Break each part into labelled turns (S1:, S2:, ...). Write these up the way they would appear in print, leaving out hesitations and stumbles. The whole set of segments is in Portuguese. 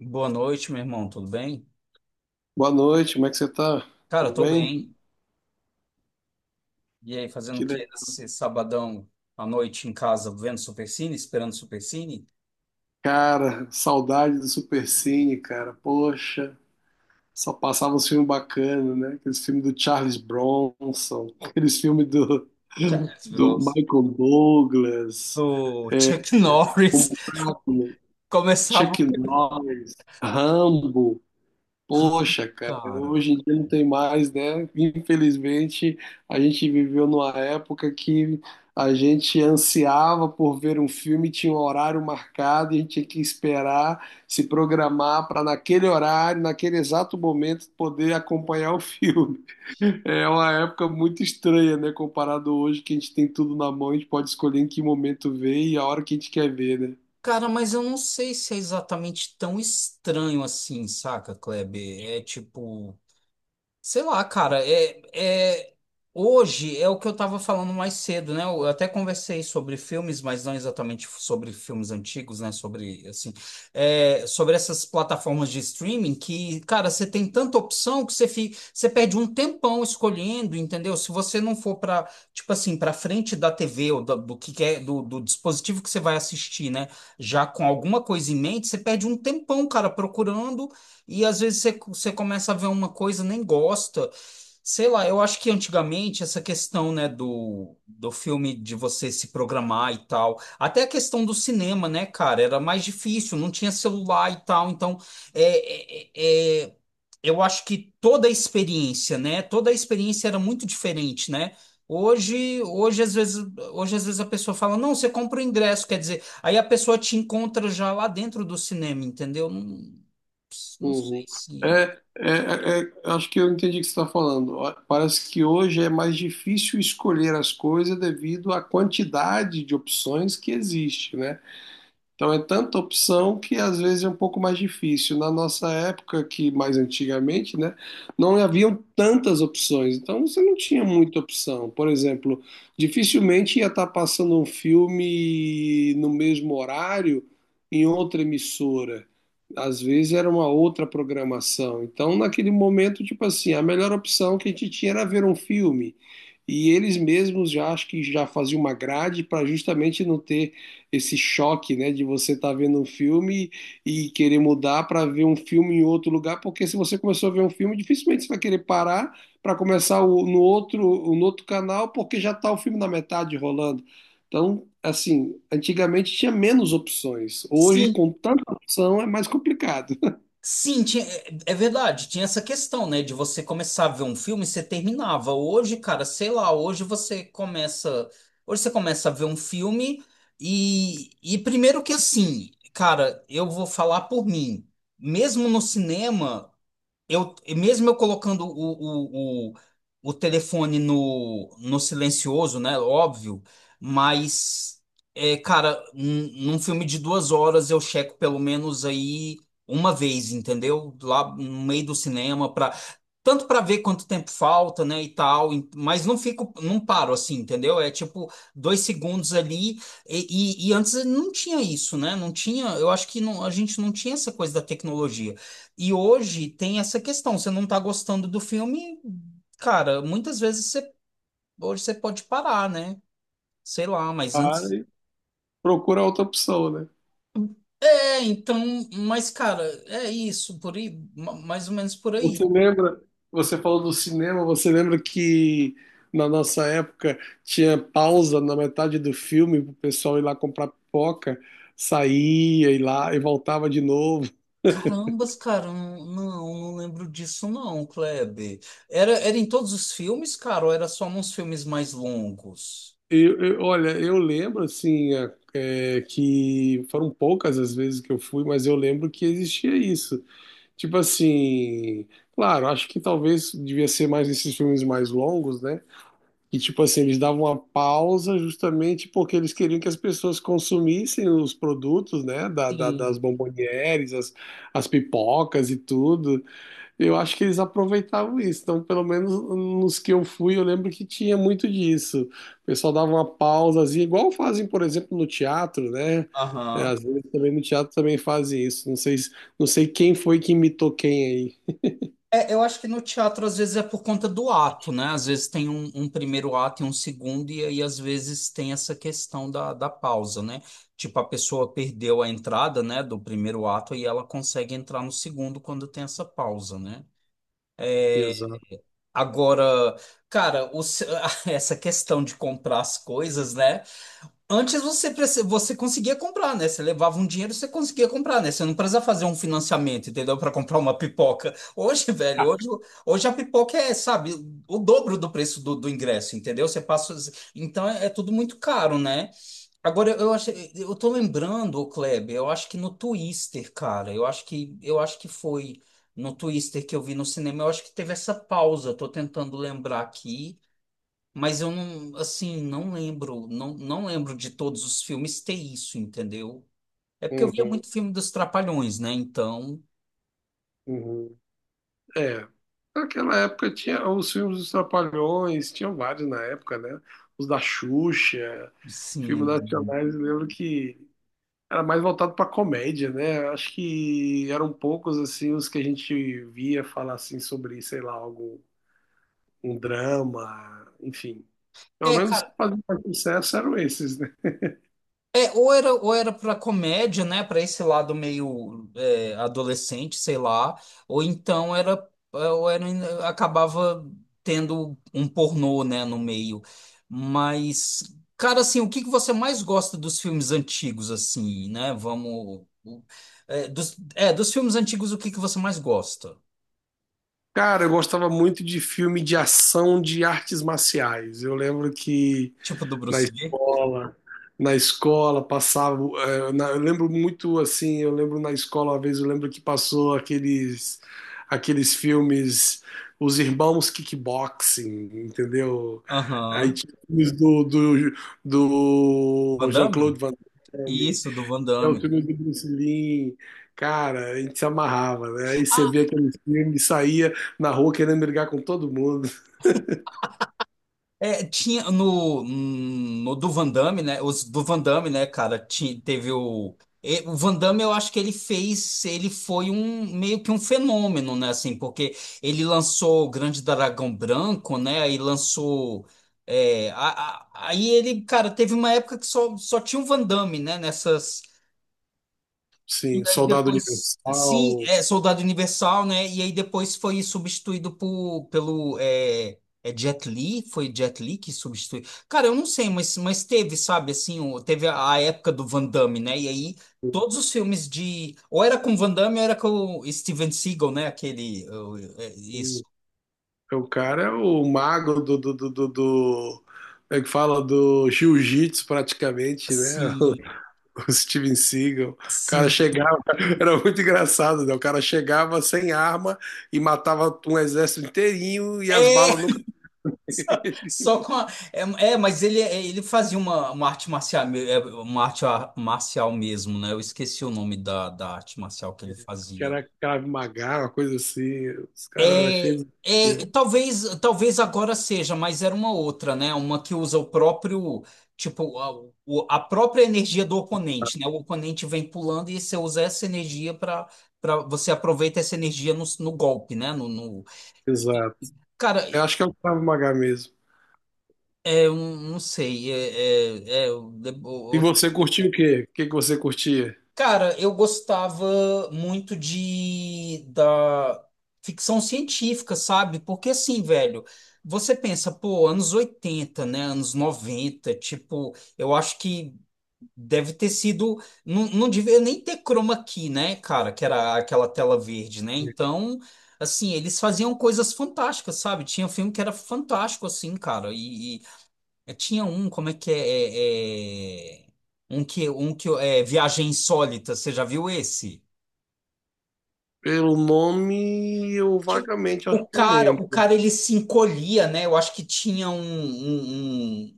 S1: Boa noite, meu irmão, tudo bem?
S2: Boa noite, como é que você tá?
S1: Cara, eu
S2: Tudo
S1: tô
S2: bem?
S1: bem. E aí, fazendo
S2: Que
S1: o que
S2: legal.
S1: nesse sabadão à noite em casa, vendo Supercine, esperando Supercine?
S2: Cara, saudade do Supercine, cara. Poxa, só passava uns filmes bacanas, né? Aqueles filmes do Charles Bronson, aqueles filmes do,
S1: Já
S2: do
S1: virou
S2: Michael Douglas,
S1: do Chuck Norris.
S2: Chaplin,
S1: Começava,
S2: Chuck Norris, Rambo. Poxa, cara,
S1: cara.
S2: hoje em dia não tem mais, né? Infelizmente, a gente viveu numa época que a gente ansiava por ver um filme, tinha um horário marcado, e a gente tinha que esperar, se programar para naquele horário, naquele exato momento, poder acompanhar o filme. É uma época muito estranha, né? Comparado hoje, que a gente tem tudo na mão, a gente pode escolher em que momento ver e a hora que a gente quer ver, né?
S1: Cara, mas eu não sei se é exatamente tão estranho assim, saca, Kleber? É tipo. Sei lá, cara, hoje é o que eu estava falando mais cedo, né? Eu até conversei sobre filmes, mas não exatamente sobre filmes antigos, né? Sobre, assim, sobre essas plataformas de streaming que, cara, você tem tanta opção que você perde um tempão escolhendo, entendeu? Se você não for para, tipo assim, para frente da TV ou do que quer, do dispositivo que você vai assistir, né? Já com alguma coisa em mente, você perde um tempão, cara, procurando. E às vezes você começa a ver uma coisa, nem gosta. Sei lá, eu acho que antigamente essa questão, né, do filme de você se programar e tal, até a questão do cinema, né, cara, era mais difícil, não tinha celular e tal, então é, é, é- é, eu acho que toda a experiência, né, toda a experiência era muito diferente, né? Hoje, hoje às vezes, hoje às vezes a pessoa fala, não, você compra o ingresso, quer dizer, aí a pessoa te encontra já lá dentro do cinema, entendeu? Não sei
S2: Uhum.
S1: se.
S2: É, é, é, acho que eu entendi o que você está falando. Ó, parece que hoje é mais difícil escolher as coisas devido à quantidade de opções que existe, né? Então é tanta opção que às vezes é um pouco mais difícil. Na nossa época, que mais antigamente, né, não haviam tantas opções. Então você não tinha muita opção. Por exemplo, dificilmente ia estar passando um filme no mesmo horário em outra emissora. Às vezes era uma outra programação. Então, naquele momento, tipo assim, a melhor opção que a gente tinha era ver um filme. E eles mesmos já acho que já faziam uma grade para justamente não ter esse choque, né, de você estar vendo um filme e querer mudar para ver um filme em outro lugar, porque se você começou a ver um filme, dificilmente você vai querer parar para começar no outro, no outro canal, porque já está o filme na metade rolando. Então, assim, antigamente tinha menos opções. Hoje,
S1: Sim,
S2: com tanta opção, é mais complicado.
S1: sim, é verdade. Tinha essa questão, né? De você começar a ver um filme e você terminava. Hoje, cara, sei lá, hoje você começa. Hoje você começa a ver um filme primeiro que assim, cara, eu vou falar por mim. Mesmo no cinema. Eu mesmo eu colocando o telefone no silencioso, né? Óbvio, mas cara, num filme de 2 horas eu checo pelo menos aí uma vez, entendeu? Lá no meio do cinema tanto para ver quanto tempo falta, né, e tal, mas não fico, não paro assim, entendeu? É tipo 2 segundos ali, e antes não tinha isso, né? Não tinha, eu acho que não, a gente não tinha essa coisa da tecnologia. E hoje tem essa questão, você não tá gostando do filme, cara, muitas vezes hoje você pode parar, né? Sei lá, mas
S2: Cara,
S1: antes.
S2: e procura outra opção, né?
S1: É, então, mas cara, é isso, por aí, mais ou menos por aí.
S2: Você lembra? Você falou do cinema, você lembra que na nossa época tinha pausa na metade do filme pro pessoal ir lá comprar pipoca, saía e lá e voltava de novo.
S1: Carambas, cara, não, não não lembro disso não, Kleber. Era em todos os filmes, cara, ou era só nos filmes mais longos?
S2: Olha, eu lembro assim que foram poucas as vezes que eu fui, mas eu lembro que existia isso. Tipo assim, claro, acho que talvez devia ser mais esses filmes mais longos, né? E, tipo assim, eles davam uma pausa justamente porque eles queriam que as pessoas consumissem os produtos, né, da, da- das
S1: Sim.
S2: bombonieres, as pipocas e tudo. Eu acho que eles aproveitavam isso. Então, pelo menos nos que eu fui, eu lembro que tinha muito disso. O pessoal dava uma pausazinha, igual fazem, por exemplo, no teatro, né? É,
S1: Aham.
S2: às vezes também no teatro também fazem isso. Não sei, não sei quem foi que imitou quem aí.
S1: É, eu acho que no teatro às vezes é por conta do ato, né? Às vezes tem um primeiro ato e um segundo, e aí às vezes tem essa questão da pausa, né? Tipo, a pessoa perdeu a entrada, né, do primeiro ato e ela consegue entrar no segundo quando tem essa pausa, né?
S2: Exato.
S1: Agora, cara, o se- essa questão de comprar as coisas, né? Antes você conseguia comprar, né? Você levava um dinheiro, você conseguia comprar, né? Você não precisava fazer um financiamento, entendeu? Para comprar uma pipoca. Hoje, velho, hoje a pipoca é, sabe, o dobro do preço do ingresso, entendeu? Você passa. Então é tudo muito caro, né? Agora eu acho, eu tô lembrando, ô Kleber, eu acho que no Twister, cara, eu acho que foi no Twister que eu vi no cinema, eu acho que teve essa pausa. Tô tentando lembrar aqui. Mas eu não, assim, não lembro de todos os filmes ter isso, entendeu? É porque eu via
S2: Uhum,
S1: muito filme dos Trapalhões, né? Então,
S2: uhum. É, naquela época tinha os filmes dos Trapalhões, tinham vários na época, né? Os da Xuxa, filmes
S1: sim.
S2: nacionais, eu lembro que era mais voltado para comédia, né? Acho que eram poucos assim os que a gente via falar assim sobre, sei lá, algo, um drama, enfim. Pelo menos os que
S1: Cara
S2: faziam mais sucesso eram esses, né?
S1: É, ou era para comédia, né? Para esse lado meio adolescente, sei lá, ou então era, acabava tendo um pornô, né, no meio. Mas, cara, assim, o que que você mais gosta dos filmes antigos, assim, né? Vamos. Dos filmes antigos, o que que você mais gosta?
S2: Cara, eu gostava muito de filme de ação de artes marciais. Eu lembro que
S1: Tipo do
S2: na
S1: Bruce Lee?
S2: escola, na escola passava, eu lembro muito assim, eu lembro na escola uma vez, eu lembro que passou aqueles aqueles filmes Os Irmãos Kickboxing, entendeu? Aí
S1: Aham.
S2: tinha filmes do, do,
S1: Van
S2: do
S1: Damme?
S2: Jean-Claude Van Damme,
S1: Isso, do Van
S2: é o
S1: Damme.
S2: filme do Bruce Lee. Cara, a gente se amarrava, né? Aí você
S1: Ah,
S2: via aqueles filmes, saía na rua querendo brigar com todo mundo.
S1: Tinha no, do Van Damme, né? Os do Van Damme, né, cara, teve o. O Van Damme, eu acho que ele foi um meio que um fenômeno, né? Assim, porque ele lançou o Grande Dragão Branco, né? Aí lançou. é, a- aí ele, cara, teve uma época que só tinha o Van Damme, né? Nessas. E
S2: Sim,
S1: aí
S2: Soldado
S1: depois, sim,
S2: Universal.
S1: é Soldado Universal, né? E aí depois foi substituído pelo Jet Li, foi Jet Li que substituiu. Cara, eu não sei, mas teve, sabe, assim, teve a época do Van Damme, né? E aí todos os filmes de, ou era com Van Damme, ou era com o Steven Seagal, né? Aquele, isso.
S2: É, o cara é o mago do como é que fala? Do jiu-jitsu praticamente, né?
S1: Sim,
S2: O Steven Seagal. O cara
S1: sim.
S2: chegava, era muito engraçado, né? O cara chegava sem arma e matava um exército inteirinho e as
S1: É,
S2: balas nunca.
S1: só com a... é, mas ele fazia uma arte marcial, uma arte marcial mesmo, né? Eu esqueci o nome da arte marcial que ele
S2: Que
S1: fazia.
S2: era Krav Maga, uma coisa assim. Os caras eram
S1: É,
S2: cheios
S1: é,
S2: de.
S1: talvez, talvez agora seja, mas era uma outra, né? Uma que usa o próprio, tipo, a própria energia do oponente, né? O oponente vem pulando e você usa essa energia para você aproveita essa energia no golpe, né? No...
S2: Exato.
S1: Cara,
S2: Eu acho que é o Krav Maga mesmo.
S1: eu não sei.
S2: E você curtiu o quê? O que que você curtia?
S1: Cara, eu gostava muito de da ficção científica, sabe? Porque assim, velho, você pensa, pô, anos 80 né? Anos 90 tipo, eu acho que deve ter sido. Não, não devia nem ter chroma key, né, cara? Que era aquela tela verde, né? Então, assim, eles faziam coisas fantásticas, sabe? Tinha um filme que era fantástico, assim, cara. E, eu tinha um, como é que é, um que é Viagem Insólita, você já viu esse?
S2: Pelo nome, eu
S1: Que
S2: vagamente acho
S1: o
S2: que eu
S1: cara, o
S2: lembro.
S1: cara ele se encolhia, né? Eu acho que tinha um,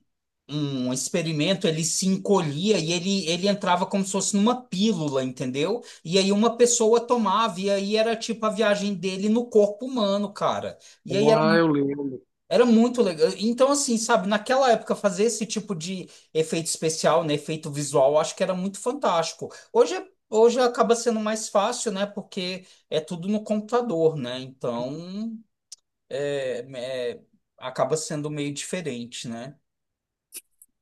S1: um experimento, ele se encolhia e ele entrava como se fosse numa pílula, entendeu? E aí uma pessoa tomava e aí era tipo a viagem dele no corpo humano, cara. E aí
S2: Ah, eu lembro.
S1: era muito legal. Então, assim, sabe, naquela época fazer esse tipo de efeito especial, né, efeito visual, eu acho que era muito fantástico. Hoje, hoje acaba sendo mais fácil, né, porque é tudo no computador, né? Então, é, é- acaba sendo meio diferente, né?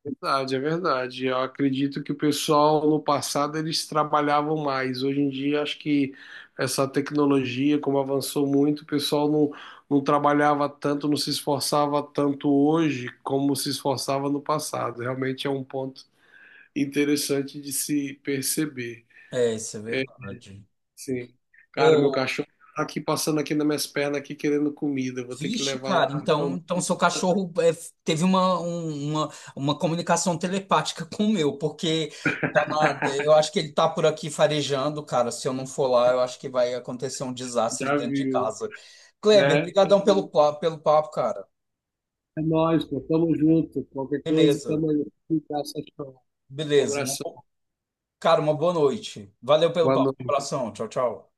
S2: Verdade, é verdade. Eu acredito que o pessoal no passado eles trabalhavam mais. Hoje em dia, acho que essa tecnologia, como avançou muito, o pessoal não, não trabalhava tanto, não se esforçava tanto hoje como se esforçava no passado. Realmente é um ponto interessante de se perceber.
S1: É, isso é verdade.
S2: Sim. Cara, meu cachorro tá aqui passando aqui nas minhas pernas aqui querendo comida. Eu vou ter que
S1: Vixe,
S2: levar
S1: cara,
S2: lá.
S1: então,
S2: Então,
S1: então seu cachorro teve uma comunicação telepática com o meu, porque eu acho que ele tá por aqui farejando, cara. Se eu não for lá, eu acho que vai acontecer um desastre
S2: já
S1: dentro de
S2: viu,
S1: casa. Kleber,
S2: né?
S1: brigadão pelo papo, cara.
S2: É nóis, pô. Tamo junto. Qualquer coisa,
S1: Beleza,
S2: tamo aí. Um abraço.
S1: beleza. Uma bo-
S2: Abração.
S1: cara, uma boa noite. Valeu pelo
S2: Boa
S1: papo. Um
S2: noite.
S1: abração. Tchau, tchau.